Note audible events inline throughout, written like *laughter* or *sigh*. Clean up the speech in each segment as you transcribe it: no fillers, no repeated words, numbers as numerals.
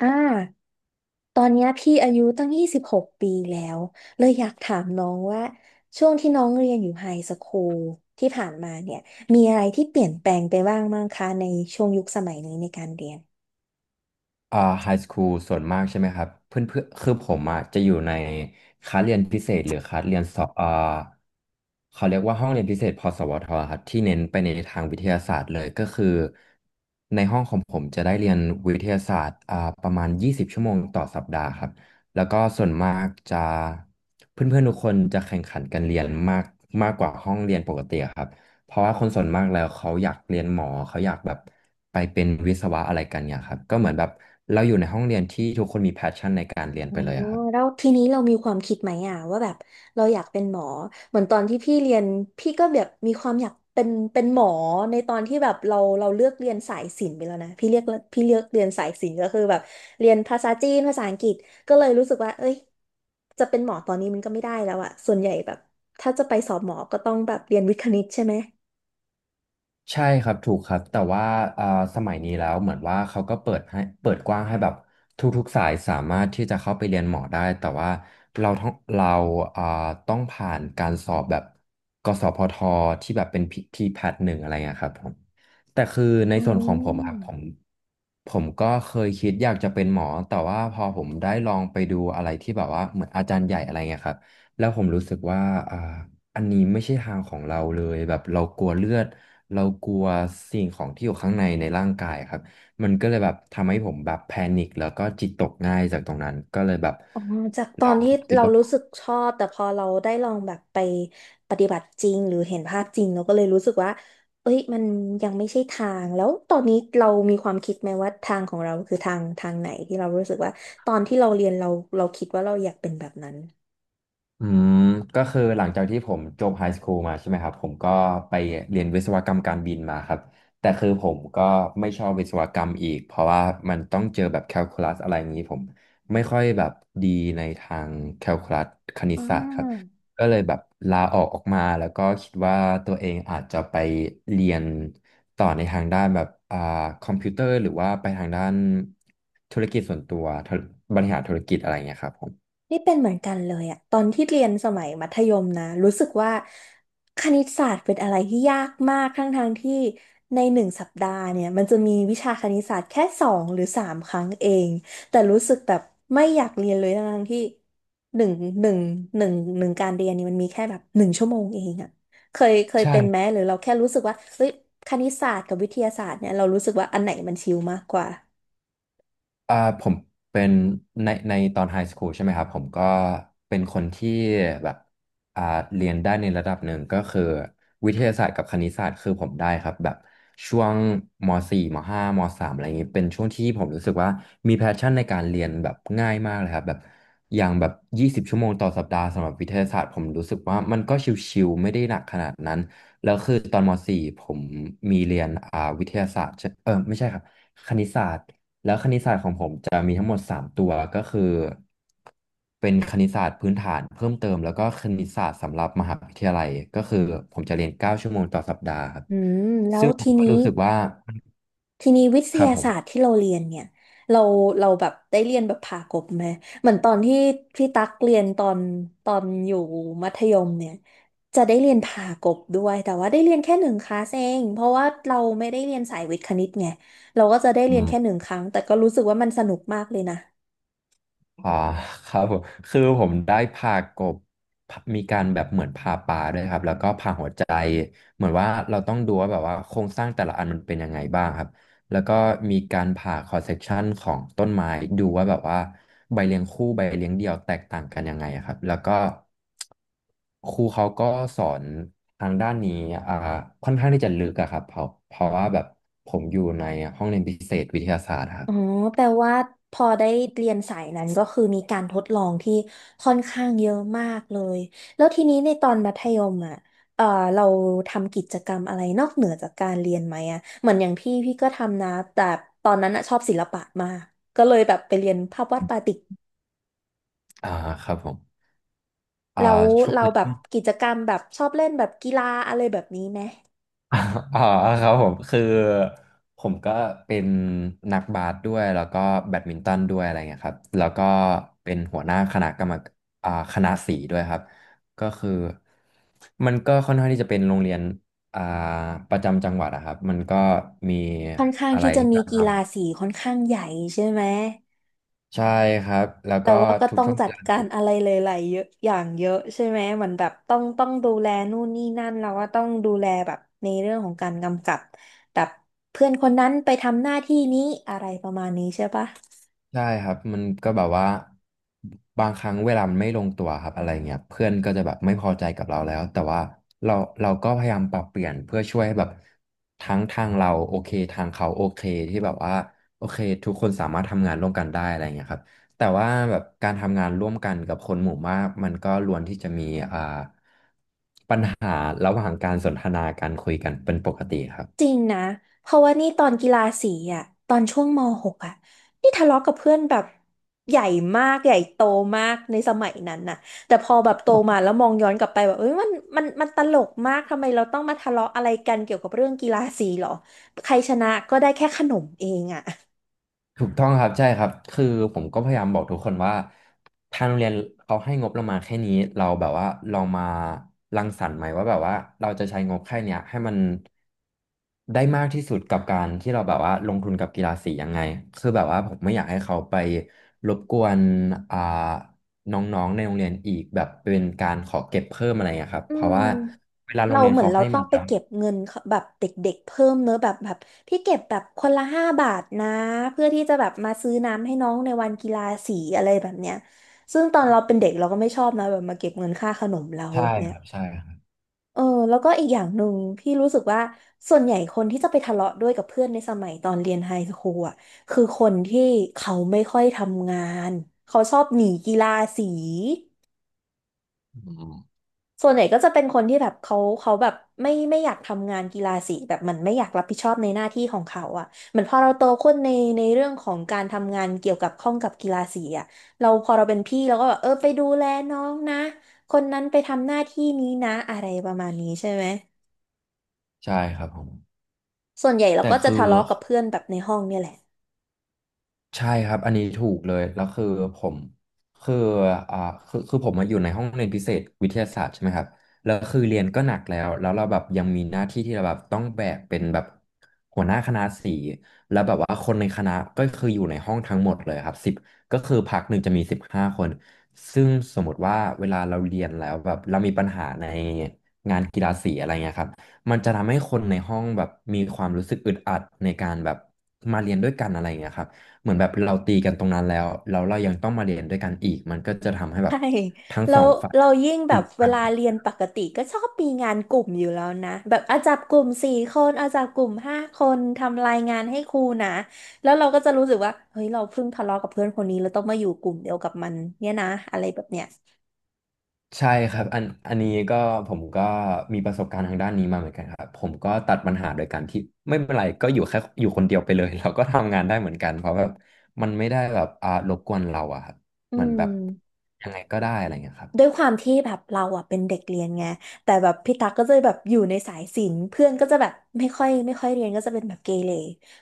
อ่า ตอนเนี้ยพี่อายุตั้ง26ปีแล้วเลยอยากถามน้องว่าช่วงที่น้องเรียนอยู่ไฮสคูลที่ผ่านมาเนี่ยมีอะไรที่เปลี่ยนแปลงไปบ้างมั้งคะในช่วงยุคสมัยนี้ในการเรียน ไฮสคูลส่วนมากใช่ไหมครับเพื่อนเพื่อคือผมอ่ะจะอยู่ในคลาสเรียนพิเศษหรือคลาสเรียนสอบเขาเรียกว่าห้องเรียนพิเศษพสวทครับที่เน้นไปในทางวิทยาศาสตร์เลยก็คือในห้องของผมจะได้เรียนวิทยาศาสตร์ประมาณ20ชั่วโมงต่อสัปดาห์ครับแล้วก็ส่วนมากจะเพื่อนๆทุกคนจะแข่งขันกันเรียนมากมากกว่าห้องเรียนปกติครับ เพราะว่าคนส่วนมากแล้วเขาอยากเรียนหมอเขาอยากแบบไปเป็นวิศวะอะไรกันเนี่ยครับก็เหมือนแบบเราอยู่ในห้องเรียนที่ทุกคนมีแพชชั่นในการเรียนอ๋อไปเลยอะครับ แล้วทีนี้เรามีความคิดไหมอ่ะว่าแบบเราอยากเป็นหมอเหมือนตอนที่พี่เรียนพี่ก็แบบมีความอยากเป็นหมอในตอนที่แบบเราเลือกเรียนสายศิลป์ไปแล้วนะพี่เรียกพี่เลือกเรียนสายศิลป์ก็คือแบบเรียนภาษาจีนภาษาอังกฤษก็เลยรู้สึกว่าเอ้ยจะเป็นหมอตอนนี้มันก็ไม่ได้แล้วอ่ะส่วนใหญ่แบบถ้าจะไปสอบหมอก็ต้องแบบเรียนวิทย์คณิตใช่ไหมใช่ครับถูกครับแต่ว่าอ่าสมัยนี้แล้วเหมือนว่าเขาก็เปิดให้เปิดกว้างให้แบบทุกๆสายสามารถที่จะเข้าไปเรียนหมอได้แต่ว่าเราต้องเราอ่าต้องผ่านการสอบแบบกสพทที่แบบเป็นทีแพทหนึ่งอะไรเงี้ยครับผมแต่คือในอืส่วนของผมอะครับผมม ผมก็เคยคิดอยากจะเป็นหมอแต่ว่าพอผมได้ลองไปดูอะไรที่แบบว่าเหมือนอาจารย์ใหญ่อะไรเงี้ยครับแล้วผมรู้สึกว่าอ่า อันนี้ไม่ใช่ทางของเราเลยแบบเรากลัวเลือดเรากลัวสิ่งของที่อยู่ข้างในในร่างกายครับมันก็เลยแบบทำให้ผมแบบแพนิคแล้วก็จิตตกง่ายจากตรงนั้นก็เลยแบบอ๋อจากตอลอนงที่คิดเราว่า รู้สึกชอบแต่พอเราได้ลองแบบไปปฏิบัติจริงหรือเห็นภาพจริงเราก็เลยรู้สึกว่าเอ้ยมันยังไม่ใช่ทางแล้วตอนนี้เรามีความคิดไหมว่าทางของเราคือทางไหนที่เรารู้สึกว่าตอนที่เราเรียนเราคิดว่าเราอยากเป็นแบบนั้นอืมก็คือหลังจากที่ผมจบไฮสคูลมาใช่ไหมครับผมก็ไปเรียนวิศวกรรมการบินมาครับแต่คือผมก็ไม่ชอบวิศวกรรมอีกเพราะว่ามันต้องเจอแบบแคลคูลัสอะไรอย่างนี้ผมไม่ค่อยแบบดีในทางแคลคูลัสคณิตอ่ศาสตร์ครับา ก็เลยแบบลาออกออกมาแล้วก็คิดว่าตัวเองอาจจะไปเรียนต่อในทางด้านแบบคอมพิวเตอร์หรือว่าไปทางด้านธุรกิจส่วนตัวบริหารธุรกิจอะไรอย่างเงี้ยครับผมนี่เป็นเหมือนกันเลยอะตอนที่เรียนสมัยมัธยมนะรู้สึกว่าคณิตศาสตร์เป็นอะไรที่ยากมากทั้งทางที่ในหนึ่งสัปดาห์เนี่ยมันจะมีวิชาคณิตศาสตร์แค่2 หรือ 3ครั้งเองแต่รู้สึกแบบไม่อยากเรียนเลยทั้งทที่หนึ่งหนึ่งหนึ่งหนึ่งการเรียนเนี่ยมันมีแค่แบบหนึ่งชั่วโมงเองอะเคยใช่ เป็นไหมหรือเราแค่รู้สึกว่าเฮ้ยคณิตศาสตร์กับวิทยาศาสตร์เนี่ยเรารู้สึกว่าอันไหนมันชิลมากกว่าผมเป็นในตอนไฮสคูลใช่ไหมครับผมก็เป็นคนที่แบบอ่าเรียนได้ในระดับหนึ่งก็คือวิทยาศาสตร์กับคณิตศาสตร์คือผมได้ครับแบบช่วงม .4 ม .5 ม .3 อะไรอย่างนี้เป็นช่วงที่ผมรู้สึกว่ามีแพชชั่นในการเรียนแบบง่ายมากเลยครับแบบอย่างแบบ20ชั่วโมงต่อสัปดาห์สำหรับวิทยาศาสตร์ผมรู้สึกว่ามันก็ชิวๆไม่ได้หนักขนาดนั้นแล้วคือตอนมสี่ผมมีเรียนวิทยาศาสตร์ใช่เออไม่ใช่ครับคณิตศาสตร์ ทั้งหมด3 ตัวก็คือเป็นคณิตศาสตร์พื้นฐานเพิ่มเติมแล้วก็คณิตศาสตร์สำหรับมหาวิทยาลัยก็คือผมจะเรียน9 ชั่วโมงต่อสัปดาห์ครับอืมแล้วทีก็นี้ รู้สึกว่าทีนี้วิทครับยาผมศาสตร์ที่เราเรียนเนี่ยเราเราแบบได้เรียนแบบผ่ากบไหมเหมือนตอนที่พี่ตั๊กเรียนตอนอยู่มัธยมเนี่ยจะได้เรียนผ่ากบด้วยแต่ว่าได้เรียนแค่หนึ่งคลาสเองเพราะว่าเราไม่ได้เรียนสายวิทย์คณิตไงเราก็จะได้เรียนม แค่หนึ่งครั้งแต่ก็รู้สึกว่ามันสนุกมากเลยนะ อ่าครับผมคือผมได้พากบพามีการแบบเหมือนผ่าปลาด้วยครับแล้วก็ผ่าหัวใจเหมือนว่าเราต้องดูว่าแบบว่าโครงสร้างแต่ละอันมันเป็นยังไงบ้างครับแล้วก็มีการผ่าคอสเซกชันของต้นไม้ดูว่าแบบว่าใบเลี้ยงคู่ใบเลี้ยงเดี่ยวแตกต่างกันยังไงครับแล้วก็ครูเขาก็สอนทางด้านนี้อ่าค่อนข้างที่จะลึกอะครับเพราะว่าแบบผมอยู่ในห้องเรียนพิเศษวิทยาศาสตร์ครับอ๋อแปลว่าพอได้เรียนสายนั้นก็คือมีการทดลองที่ค่อนข้างเยอะมากเลยแล้วทีนี้ในตอนมัธยมอ่ะเออเราทำกิจกรรมอะไรนอกเหนือจากการเรียนไหมอ่ะเหมือนอย่างพี่ก็ทำนะแต่ตอนนั้นอ่ะชอบศิลปะมากก็เลยแบบไปเรียนภาพวาดปาติกอ่าครับผมอ่าแล้วช่วง เราแบบกิจกรรมแบบชอบเล่นแบบกีฬาอะไรแบบนี้ไหมอ๋อครับผมคือผมก็เป็นนักบาสด้วยแล้วก็แบดมินตันด้วยอะไรเงี้ยครับแล้วก็เป็นหัวหน้าคณะกรรมคณะสีด้วยครับก็คือมันก็ค่อนข้างที่จะเป็นโรงเรียนอ่าประจำจังหวัดอะครับมันก็มีค่อนข้างอะไรที่จะมีกีฬาสีค่อนข้างใหญ่ใช่ไหม ใช่ครับแล้วแต่ก็ว่าก็ทุกต้องช่วงจัเวดลา การอะไรหลายๆเยอะอย่างเยอะใช่ไหมเหมือนแบบต้องดูแลนู่นนี่นั่นแล้วก็ต้องดูแลแบบในเรื่องของการกำกับแบบเพื่อนคนนั้นไปทำหน้าที่นี้อะไรประมาณนี้ใช่ปะ ใช่ครับมันก็แบบว่าบางครั้งเวลามันไม่ลงตัวครับอะไรเงี้ยเพื่อนก็จะแบบไม่พอใจกับเราแล้วแต่ว่าเราเราก็พยายามปรับเปลี่ยนเพื่อช่วยให้แบบทั้งทางเราโอเคทางเขาโอเคที่แบบว่าโอเคทุกคนสามารถทำงานร่วมกันได้อะไรเงี้ยครับแต่ว่าแบบการทำงานร่วมกันกับคนหมู่มากมันก็ล้วนที่จะมีอ่าปัญหาระหว่างการสนทนาการคุยกันเป็นปกติครับ จริงนะเพราะว่านี่ตอนกีฬาสีอ่ะตอนช่วงม .6 อ่ะนี่ทะเลาะกับเพื่อนแบบใหญ่มากใหญ่โตมากในสมัยนั้นน่ะแต่พอแบบโตมาแล้วมองย้อนกลับไปแบบเอ้ยมันตลกมากทำไมเราต้องมาทะเลาะอะไรกันเกี่ยวกับเรื่องกีฬาสีหรอใครชนะก็ได้แค่ขนมเองอ่ะ ถูกต้องครับใช่ครับคือผมก็พยายามบอกทุกคนว่าทางโรงเรียนเขาให้งบเรามาแค่นี้เราแบบว่าลองมารังสรรค์ไหมว่าแบบว่าเราจะใช้งบแค่เนี้ยให้มันได้มากที่สุดกับการที่เราแบบว่าลงทุนกับกีฬาสียังไงคือแบบว่าผมไม่อยากให้เขาไปรบกวนอ่าน้องๆในโรงเรียนอีกแบบเป็นการขอเก็บเพิ่มอะไรอย่างเครับอืเพราะมว่าเราเหมือนเราต้องไปเก็บเงินเขาแบบเด็กๆเพิ่มเนอะแบบพี่เก็บแบบคนละ5บาทนะเพื่อที่จะแบบมาซื้อน้ำให้น้องในวันกีฬาสีอะไรแบบเนี้ยซึ่งตอนเราเป็นเด็กเราก็ไม่ชอบนะแบบมาเก็บเงินค่าขนมเราใช่แบบเนี้คยรับใช่ครับเออแล้วก็อีกอย่างหนึ่งพี่รู้สึกว่าส่วนใหญ่คนที่จะไปทะเลาะด้วยกับเพื่อนในสมัยตอนเรียนไฮสคูลอ่ะคือคนที่เขาไม่ค่อยทำงานเขาชอบหนีกีฬาสี อืมส่วนใหญ่ก็จะเป็นคนที่แบบเขาแบบไม่อยากทำงานกีฬาสีแบบมันไม่อยากรับผิดชอบในหน้าที่ของเขาอ่ะเหมือนพอเราโตขึ้นในเรื่องของการทำงานเกี่ยวกับข้องกับกีฬาสีอ่ะเราพอเราเป็นพี่เราก็แบบเออไปดูแลน้องนะคนนั้นไปทำหน้าที่นี้นะอะไรประมาณนี้ใช่ไหมใช่ครับผมส่วนใหญ่เราแต่ก็จะคือ ทะเลาะกับเพื่อนแบบในห้องเนี่ยแหละ ใช่ครับอันนี้ถูกเลยแล้วคือผมคืออ่าคือผมมาอยู่ในห้องเรียนพิเศษวิทยาศาสตร์ใช่ไหมครับแล้วคือเรียนก็หนักแล้วแล้วเราแบบยังมีหน้าที่ที่เราแบบต้องแบกเป็นแบบหัวหน้าคณะสีแล้วแบบว่าคนในคณะก็คืออยู่ในห้องทั้งหมดเลยครับสิบก็คือพักหนึ่งจะมีสิบห้าคนซึ่งสมมติว่าเวลาเราเรียนแล้วแบบเรามีปัญหาในงานกีฬาสีอะไรเงี้ยครับมันจะทำให้คนในห้องแบบมีความรู้สึกอึดอัดในการแบบมาเรียนด้วยกันอะไรอย่างเงี้ยครับ เหมือนแบบเราตีกันตรงนั้นแล้วแล้วเรายังต้องมาเรียนด้วยกันอีกมันก็จะทำให้แบบใช่ทั้งเราสองฝ่ายเรายิ่งแบอึบดเวอัดลาเรียนปกติก็ชอบมีงานกลุ่มอยู่แล้วนะแบบอาจับกลุ่มสี่คนอาจับกลุ่มห้าคนทำรายงานให้ครูนะแล้วเราก็จะรู้สึกว่าเฮ้ยเราเพิ่งทะเลาะกับเพื่อนคนนี้เราต้องมาอยู่กลุ่มเดียวกับมันเนี่ยนะอะไรแบบเนี้ยใช่ครับอันนี้ก็ผมก็มีประสบการณ์ทางด้านนี้มาเหมือนกันครับผมก็ตัดปัญหาโดยการที่ไม่เป็นไรก็อยู่แค่อยู่คนเดียวไปเลย *laughs* เราก็ทำงานได้เหมือนกันเพราะแบบมันไม่ได้แบบรบกวนเราอะครับอืเหมือนแบบม ยังไงก็ได้อะไรเงี้ยครับด้วยความที่แบบเราอ่ะเป็นเด็กเรียนไงแต่แบบพี่ตั๊กก็จะแบบอยู่ในสายศิลป์เพื่อนก็จะแบบไม่ค่อยเรียนก็จะเป็นแบบเกเร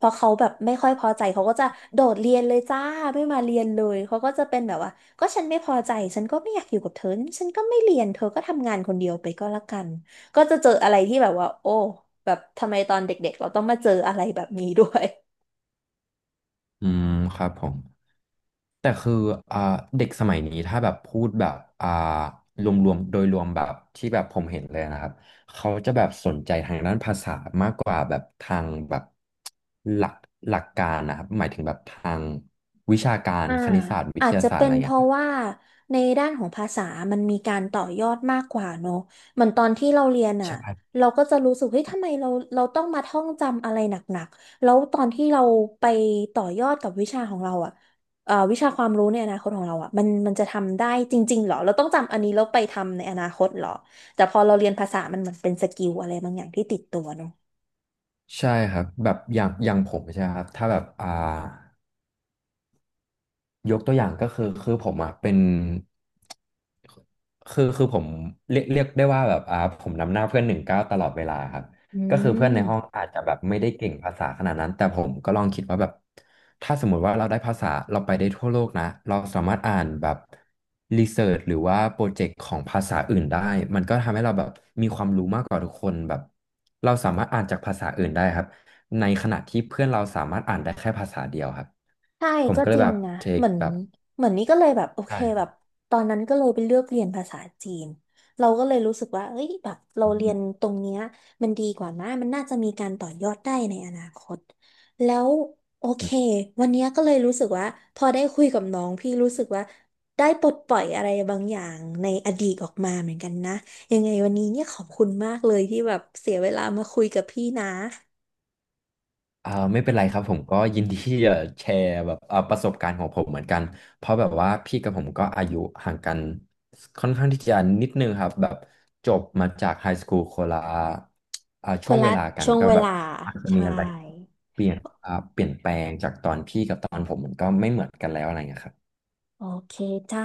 พอเขาแบบไม่ค่อยพอใจเขาก็จะโดดเรียนเลยจ้าไม่มาเรียนเลยเขาก็จะเป็นแบบว่าก็ฉันไม่พอใจฉันก็ไม่อยากอยู่กับเธอฉันก็ไม่เรียนเธอก็ทำงานคนเดียวไปก็แล้วกันก็จะเจออะไรที่แบบว่าโอ้แบบทำไมตอนเด็กๆเราต้องมาเจออะไรแบบนี้ด้วย อืมครับผม แต่คืออ่าเด็กสมัยนี้ถ้าแบบพูดแบบอ่ารวมๆโดยรวมแบบที่แบบผมเห็นเลยนะครับเขาจะแบบสนใจทางด้านภาษามากกว่าแบบทางแบบหลักหลักการนะครับหมายถึงแบบทางวิชาการอ่าคณิตศาสตร์วิอาทจยาจะศาสตร์เป็อะนไรเพเงี้ยราะครับว่าในด้านของภาษามันมีการต่อยอดมากกว่าเนอะเหมือนตอนที่เราเรียนอ่ะใช่เราก็จะรู้สึกเฮ้ยทำไมเราต้องมาท่องจำอะไรหนักๆ แล้วตอนที่เราไปต่อยอดกับวิชาของเราอ่ะวิชาความรู้ในอนาคตของเราอ่ะมันจะทำได้จริงๆเหรอเราต้องจำอันนี้แล้วไปทำในอนาคตเหรอแต่พอเราเรียนภาษามันเหมือนเป็นสกิลอะไรบางอย่างที่ติดตัวเนอะใช่ครับแบบอย่างอย่างผมใช่ไหมครับถ้าแบบยกตัวอย่างก็คือผมอ่ะเป็น คคือผมเรียกได้ว่าแบบผมนำหน้าเพื่อนหนึ่งเก้าตลอดเวลาครับอืก็คือเพื่อนในห้องม อาจจะแบบไม่ได้เก่งภาษาขนาดนั้นแต่ผมก็ลองคิดว่าแบบถ้าสมมุติว่าเราได้ภาษาเราไปได้ทั่วโลกนะเราสามารถอ่านแบบรีเสิร์ชหรือว่าโปรเจกต์ของภาษาอื่นได้มันก็ทำให้เราแบบมีความรู้มากกว่าทุกคนแบบเราสามารถอ่านจากภาษาอื่นได้ครับในขณะที่เพื่อนเราสามารถอ่านได้แค่ภาษาเดียวครับใช่ผมก็ก็เลจยริงแบบนะเทเหคมือนแบบเหมือนนี่ก็เลยแบบโอเคใช่คแบรับ บตอนนั้นก็เลยไปเลือกเรียนภาษาจีนเราก็เลยรู้สึกว่าเอ้ยแบบเราเรียนตรงเนี้ยมันดีกว่านะมันน่าจะมีการต่อยอดได้ในอนาคตแล้วโอเควันเนี้ยก็เลยรู้สึกว่าพอได้คุยกับน้องพี่รู้สึกว่าได้ปลดปล่อยอะไรบางอย่างในอดีตออกมาเหมือนกันนะยังไงวันนี้เนี่ยขอบคุณมากเลยที่แบบเสียเวลามาคุยกับพี่นะไม่เป็นไรครับผมก็ยินดีที่จะแชร์แบบประสบการณ์ของผมเหมือนกันเพราะแบบว่าพี่กับผมก็อายุห่างกันค่อนข้างที่จะนิดนึงครับแบบจบมาจากไฮสคูลคนละคช่วนงเวละลากันช่วงก็เวแบบลาอาจจะมีใช่ อะไรเปลี่ยนเปลี่ยนแปลงจากตอนพี่กับตอนผมมันก็ไม่เหมือนกันแล้วอะไรเงี้ยครับโอเคจ้า